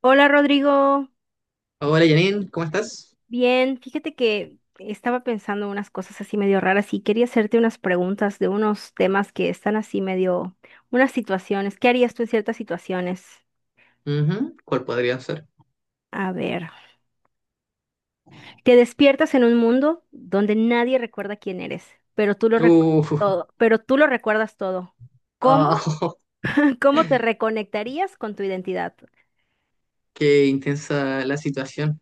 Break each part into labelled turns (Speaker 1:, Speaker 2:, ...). Speaker 1: Hola, Rodrigo.
Speaker 2: Hola Janine, ¿cómo estás?
Speaker 1: Bien, fíjate que estaba pensando unas cosas así medio raras y quería hacerte unas preguntas de unos temas que están así medio, unas situaciones. ¿Qué harías tú en ciertas situaciones?
Speaker 2: Ujú, ¿cuál podría ser?
Speaker 1: A ver, te despiertas en un mundo donde nadie recuerda quién eres, pero tú lo recuerdas
Speaker 2: Uh,
Speaker 1: todo, pero tú lo recuerdas todo.
Speaker 2: ah,
Speaker 1: ¿Cómo? ¿Cómo te reconectarías con tu identidad?
Speaker 2: qué intensa la situación.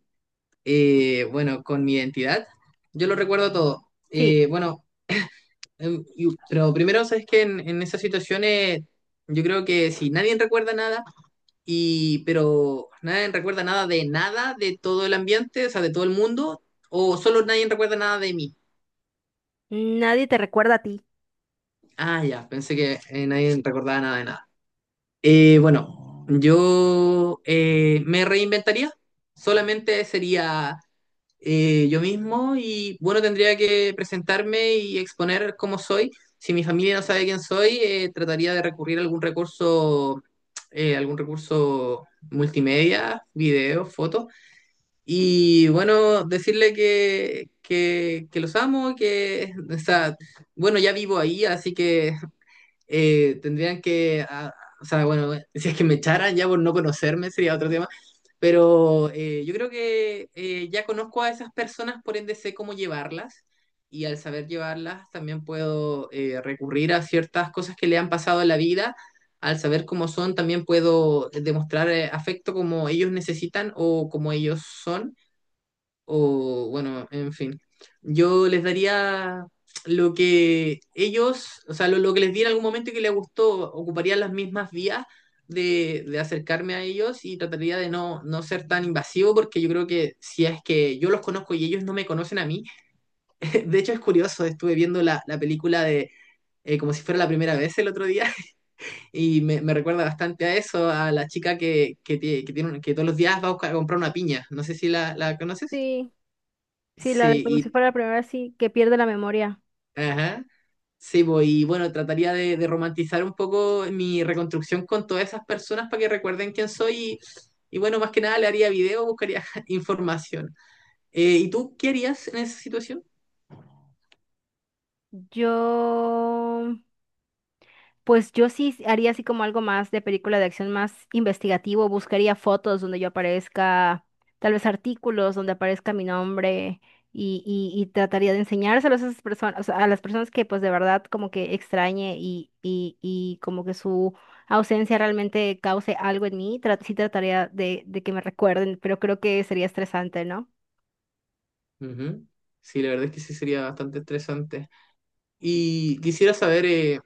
Speaker 2: Bueno, con mi identidad, yo lo recuerdo todo.
Speaker 1: Sí,
Speaker 2: Pero primero, sabes que en esas situaciones, yo creo que si nadie recuerda nada, pero nadie recuerda nada de nada, de todo el ambiente, o sea, de todo el mundo, o solo nadie recuerda nada de mí.
Speaker 1: nadie te recuerda a ti.
Speaker 2: Ah, ya, pensé que nadie recordaba nada de nada. Bueno, yo me reinventaría, solamente sería yo mismo y bueno, tendría que presentarme y exponer cómo soy. Si mi familia no sabe quién soy, trataría de recurrir a algún recurso, algún recurso multimedia, videos, fotos, y bueno, decirle que los amo, que, o sea, bueno, ya vivo ahí, así que tendrían que, ah, o sea, bueno, si es que me echaran ya por no conocerme sería otro tema, pero yo creo que ya conozco a esas personas, por ende sé cómo llevarlas y al saber llevarlas también puedo recurrir a ciertas cosas que le han pasado en la vida, al saber cómo son también puedo demostrar afecto como ellos necesitan o como ellos son o bueno, en fin. Yo les daría lo que ellos, o sea, lo que les di en algún momento y que les gustó, ocuparía las mismas vías de acercarme a ellos y trataría de no, no ser tan invasivo porque yo creo que si es que yo los conozco y ellos no me conocen a mí, de hecho es curioso, estuve viendo la película de... como si fuera la primera vez el otro día, y me recuerda bastante a eso, a la chica que, que tiene, que todos los días va a a comprar una piña. No sé si la conoces.
Speaker 1: Sí, sí, la de como si
Speaker 2: Sí,
Speaker 1: fuera la primera, sí, que pierde la memoria.
Speaker 2: ajá. Sí, pues, y bueno, trataría de romantizar un poco mi reconstrucción con todas esas personas para que recuerden quién soy y bueno, más que nada le haría video, buscaría información. ¿Y tú qué harías en esa situación?
Speaker 1: Yo, pues yo sí haría así como algo más de película de acción más investigativo, buscaría fotos donde yo aparezca, tal vez artículos donde aparezca mi nombre y trataría de enseñárselos a esas personas, o sea, a las personas que pues de verdad como que extrañe y como que su ausencia realmente cause algo en mí, sí trataría de que me recuerden, pero creo que sería estresante, ¿no?
Speaker 2: Ujú. Sí, la verdad es que sí sería bastante estresante. Y quisiera saber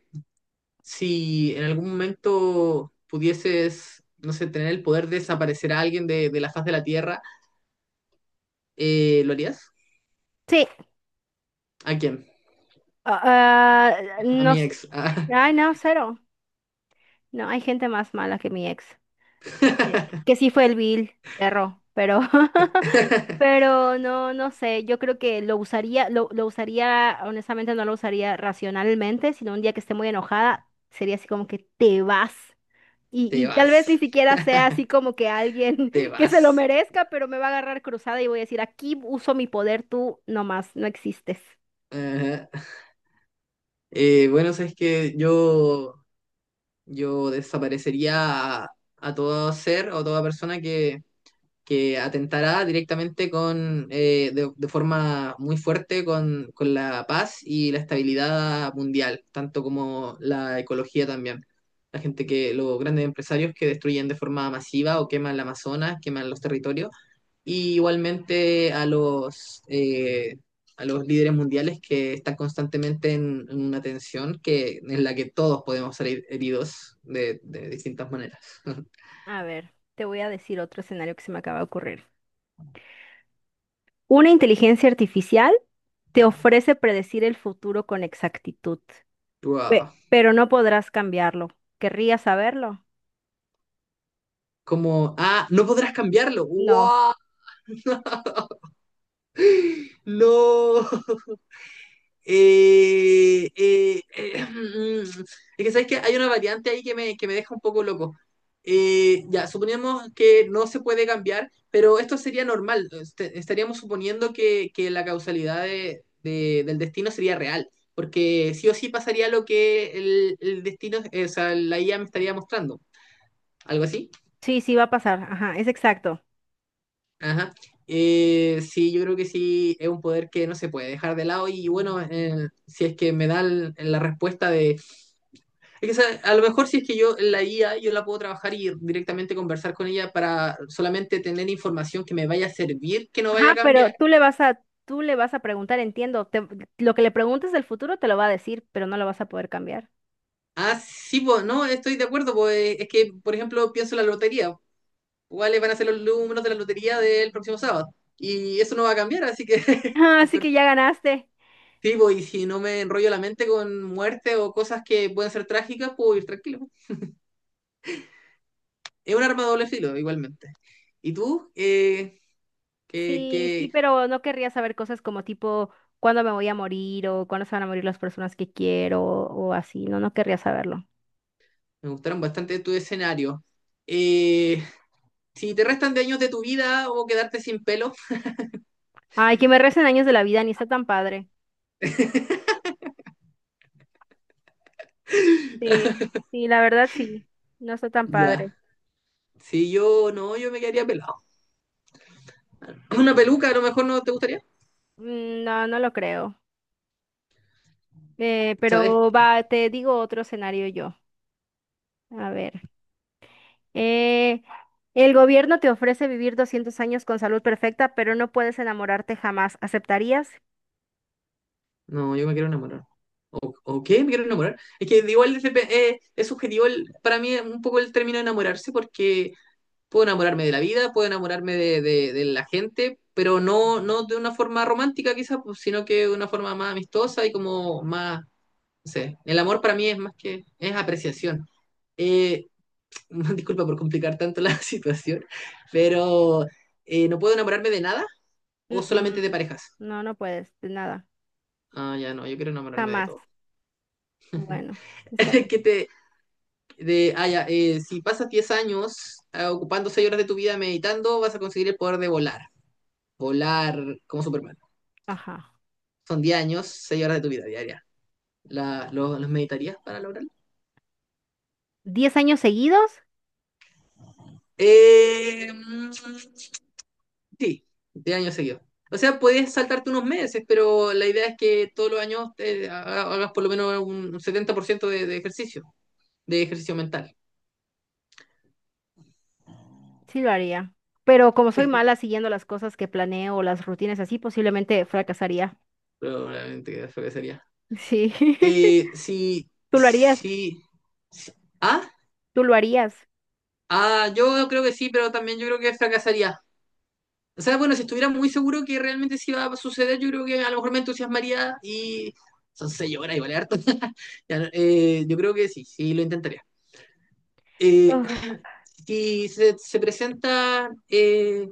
Speaker 2: si en algún momento pudieses, no sé, tener el poder de desaparecer a alguien de la faz de la Tierra, ¿lo harías?
Speaker 1: Sí,
Speaker 2: ¿A quién?
Speaker 1: ah, ah,
Speaker 2: A
Speaker 1: no,
Speaker 2: mi ex.
Speaker 1: ay no, cero. No, hay gente más mala que mi ex. eh, Que sí fue el vil perro, pero, pero no, no sé. Yo creo que lo usaría, lo usaría, honestamente no lo usaría racionalmente, sino un día que esté muy enojada, sería así como que te vas. Y,
Speaker 2: Te
Speaker 1: y tal vez ni
Speaker 2: vas.
Speaker 1: siquiera sea así como que alguien
Speaker 2: Te
Speaker 1: que se lo
Speaker 2: vas.
Speaker 1: merezca, pero me va a agarrar cruzada y voy a decir, aquí uso mi poder, tú nomás, no existes.
Speaker 2: Ajá. Bueno, sabes que yo desaparecería a todo ser o toda persona que atentara directamente con, de forma muy fuerte con la paz y la estabilidad mundial, tanto como la ecología también. Los grandes empresarios que destruyen de forma masiva o queman la Amazonas, queman los territorios y igualmente a los líderes mundiales que están constantemente en una tensión que, en la que todos podemos salir heridos de distintas maneras.
Speaker 1: A ver, te voy a decir otro escenario que se me acaba de ocurrir. Una inteligencia artificial te ofrece predecir el futuro con exactitud,
Speaker 2: Wow.
Speaker 1: pero no podrás cambiarlo. ¿Querrías saberlo?
Speaker 2: Como, ah, no podrás cambiarlo.
Speaker 1: No.
Speaker 2: ¡Wow! ¡No! Eh, eh, eh, es que sabes que hay una variante ahí que que me deja un poco loco. Ya, suponemos que no se puede cambiar, pero esto sería normal. Estaríamos suponiendo que la causalidad del destino sería real, porque sí o sí pasaría lo que el destino, la IA me estaría mostrando. ¿Algo así?
Speaker 1: Sí, sí va a pasar. Ajá, es exacto.
Speaker 2: Ajá. Sí, yo creo que sí es un poder que no se puede dejar de lado y bueno, si es que me dan la respuesta. Es que, ¿sabes? A lo mejor si es que yo la IA, yo la puedo trabajar y directamente conversar con ella para solamente tener información que me vaya a servir, que no vaya
Speaker 1: Ajá,
Speaker 2: a
Speaker 1: pero
Speaker 2: cambiar.
Speaker 1: tú le vas a, tú le vas a preguntar, entiendo. Lo que le preguntes del futuro te lo va a decir, pero no lo vas a poder cambiar.
Speaker 2: Ah, sí, pues, no, estoy de acuerdo, pues es que, por ejemplo, pienso en la lotería. ¿Cuáles van a ser los números de la lotería del próximo sábado? Y eso no va a cambiar, así que
Speaker 1: Ah,
Speaker 2: es
Speaker 1: así que ya
Speaker 2: perfecto.
Speaker 1: ganaste.
Speaker 2: Sí, pues, y si no me enrollo la mente con muerte o cosas que pueden ser trágicas, puedo ir tranquilo. Es un arma de doble filo, igualmente. ¿Y tú? ¿Qué,
Speaker 1: Sí, sí,
Speaker 2: qué-
Speaker 1: pero no querría saber cosas como tipo cuándo me voy a morir o cuándo se van a morir las personas que quiero o así. No, no querría saberlo.
Speaker 2: Me gustaron bastante tus escenarios. Eh, si te restan de años de tu vida o quedarte sin pelo,
Speaker 1: Ay, que me recen años de la vida, ni está tan padre. Sí, sí, la verdad sí, no está tan padre.
Speaker 2: ya. Si yo no, Yo me quedaría pelado. Una peluca a lo mejor no te gustaría.
Speaker 1: Mm, no, no lo creo.
Speaker 2: ¿Sabes?
Speaker 1: Pero va, te digo otro escenario yo. A ver. Eh, el gobierno te ofrece vivir 200 años con salud perfecta, pero no puedes enamorarte jamás. ¿Aceptarías?
Speaker 2: No, yo me quiero enamorar. ¿O qué? Me quiero enamorar. Es que igual es subjetivo para mí un poco el término de enamorarse porque puedo enamorarme de la vida, puedo enamorarme de la gente, pero no, no de una forma romántica quizás, pues, sino que de una forma más amistosa y como más sé, el amor para mí es más que, es apreciación. Eh, disculpa por complicar tanto la situación, pero no puedo enamorarme de nada o solamente de
Speaker 1: Mm-mm.
Speaker 2: parejas.
Speaker 1: No, no puedes, de nada.
Speaker 2: Ah, ya no, yo quiero enamorarme de
Speaker 1: Jamás.
Speaker 2: todo.
Speaker 1: Bueno, está bien.
Speaker 2: ¿Qué te, de, ah, ya, Si pasas 10 años ocupando 6 horas de tu vida meditando, vas a conseguir el poder de volar. Volar como Superman.
Speaker 1: Ajá.
Speaker 2: Son 10 años, 6 horas de tu vida diaria. ¿Los meditarías para lograrlo?
Speaker 1: ¿10 años seguidos?
Speaker 2: Eh, mm, Sí, de años seguidos. O sea, puedes saltarte unos meses, pero la idea es que todos los años hagas por lo menos un 70% de ejercicio mental.
Speaker 1: Sí lo haría. Pero como soy mala siguiendo las cosas que planeo o las rutinas así, posiblemente fracasaría.
Speaker 2: Probablemente que eso que sería.
Speaker 1: Sí.
Speaker 2: Eh, sí,
Speaker 1: ¿Tú lo harías?
Speaker 2: sí, sí. ¿Ah?
Speaker 1: ¿Tú lo harías?
Speaker 2: Ah, yo creo que sí, pero también yo creo que fracasaría. O sea, bueno, si estuviera muy seguro que realmente sí iba a suceder, yo creo que a lo mejor me entusiasmaría y son seis horas, igual es harto. Ya no, yo creo que sí, sí lo intentaría. Eh,
Speaker 1: Uf,
Speaker 2: si se presenta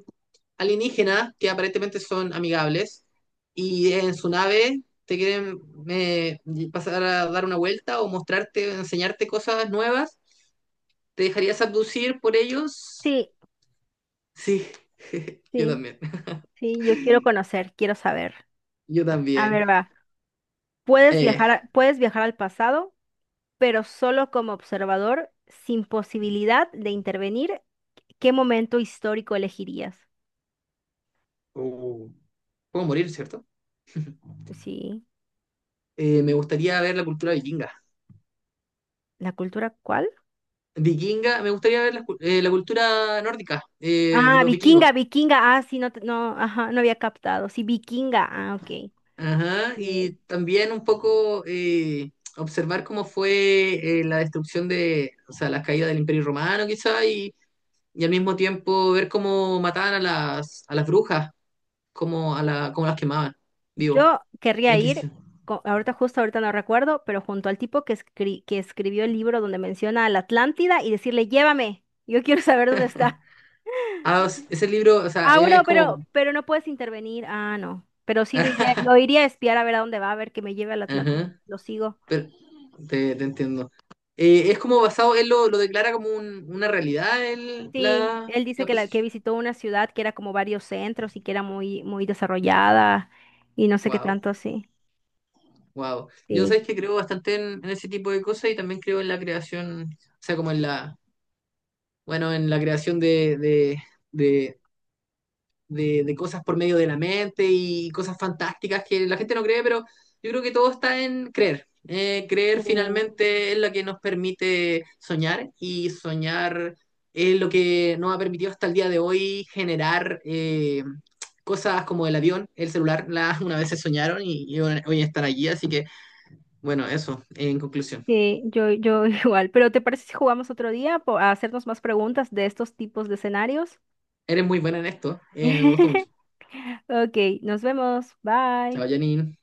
Speaker 2: alienígenas, que aparentemente son amigables, y en su nave te quieren eh, pasar a dar una vuelta o mostrarte, enseñarte cosas nuevas, ¿te dejarías abducir por ellos?
Speaker 1: sí,
Speaker 2: Sí, yo
Speaker 1: sí.
Speaker 2: también,
Speaker 1: Sí, yo quiero conocer, quiero saber.
Speaker 2: yo
Speaker 1: A
Speaker 2: también.
Speaker 1: ver, va. Puedes
Speaker 2: Eh,
Speaker 1: viajar, puedes viajar al pasado, pero solo como observador, sin posibilidad de intervenir. ¿Qué momento histórico elegirías?
Speaker 2: uh, puedo morir, ¿cierto?
Speaker 1: Sí,
Speaker 2: Me gustaría ver la cultura vikinga.
Speaker 1: ¿la cultura cuál?
Speaker 2: Vikinga, me gustaría ver la, la cultura nórdica de
Speaker 1: Ah,
Speaker 2: los vikingos.
Speaker 1: vikinga, vikinga. Ah, sí, no, no, ajá, no había captado. Sí, vikinga. Ah, ok.
Speaker 2: Ajá, y
Speaker 1: Bien.
Speaker 2: también un poco observar cómo fue la destrucción de, o sea, la caída del Imperio Romano quizá, y al mismo tiempo ver cómo mataban a a las brujas, cómo, cómo las quemaban, vivo,
Speaker 1: Yo
Speaker 2: la
Speaker 1: querría ir,
Speaker 2: Inquisición.
Speaker 1: ahorita justo ahorita no recuerdo, pero junto al tipo que, que escribió el libro donde menciona a la Atlántida y decirle, llévame, yo quiero saber dónde está.
Speaker 2: Ah, ese libro, o sea,
Speaker 1: Ah,
Speaker 2: es
Speaker 1: bueno,
Speaker 2: como...
Speaker 1: pero no puedes intervenir. Ah, no. Pero sí lo iría a espiar a ver a dónde va, a ver que me lleve a la Atlántida.
Speaker 2: Ajá,
Speaker 1: Lo sigo.
Speaker 2: pero te entiendo. Es como basado, él lo declara como una realidad, el,
Speaker 1: Sí, él dice
Speaker 2: la
Speaker 1: que la que
Speaker 2: posición.
Speaker 1: visitó una ciudad que era como varios centros y que era muy, muy desarrollada y no sé qué
Speaker 2: Wow.
Speaker 1: tanto así.
Speaker 2: Wow. Yo
Speaker 1: Sí.
Speaker 2: sabes que creo bastante en ese tipo de cosas y también creo en la creación, o sea, como en la, bueno, en la creación de, de cosas por medio de la mente y cosas fantásticas que la gente no cree, pero yo creo que todo está en creer. Creer
Speaker 1: Sí.
Speaker 2: finalmente es lo que nos permite soñar y soñar es lo que nos ha permitido hasta el día de hoy generar cosas como el avión, el celular, una vez se soñaron y hoy están allí, así que... Bueno, eso, en conclusión.
Speaker 1: Sí, yo igual. Pero ¿te parece si jugamos otro día a hacernos más preguntas de estos tipos de escenarios?
Speaker 2: Eres muy buena en esto, me gusta mucho.
Speaker 1: Ok, nos vemos. Bye.
Speaker 2: Chao, Janine.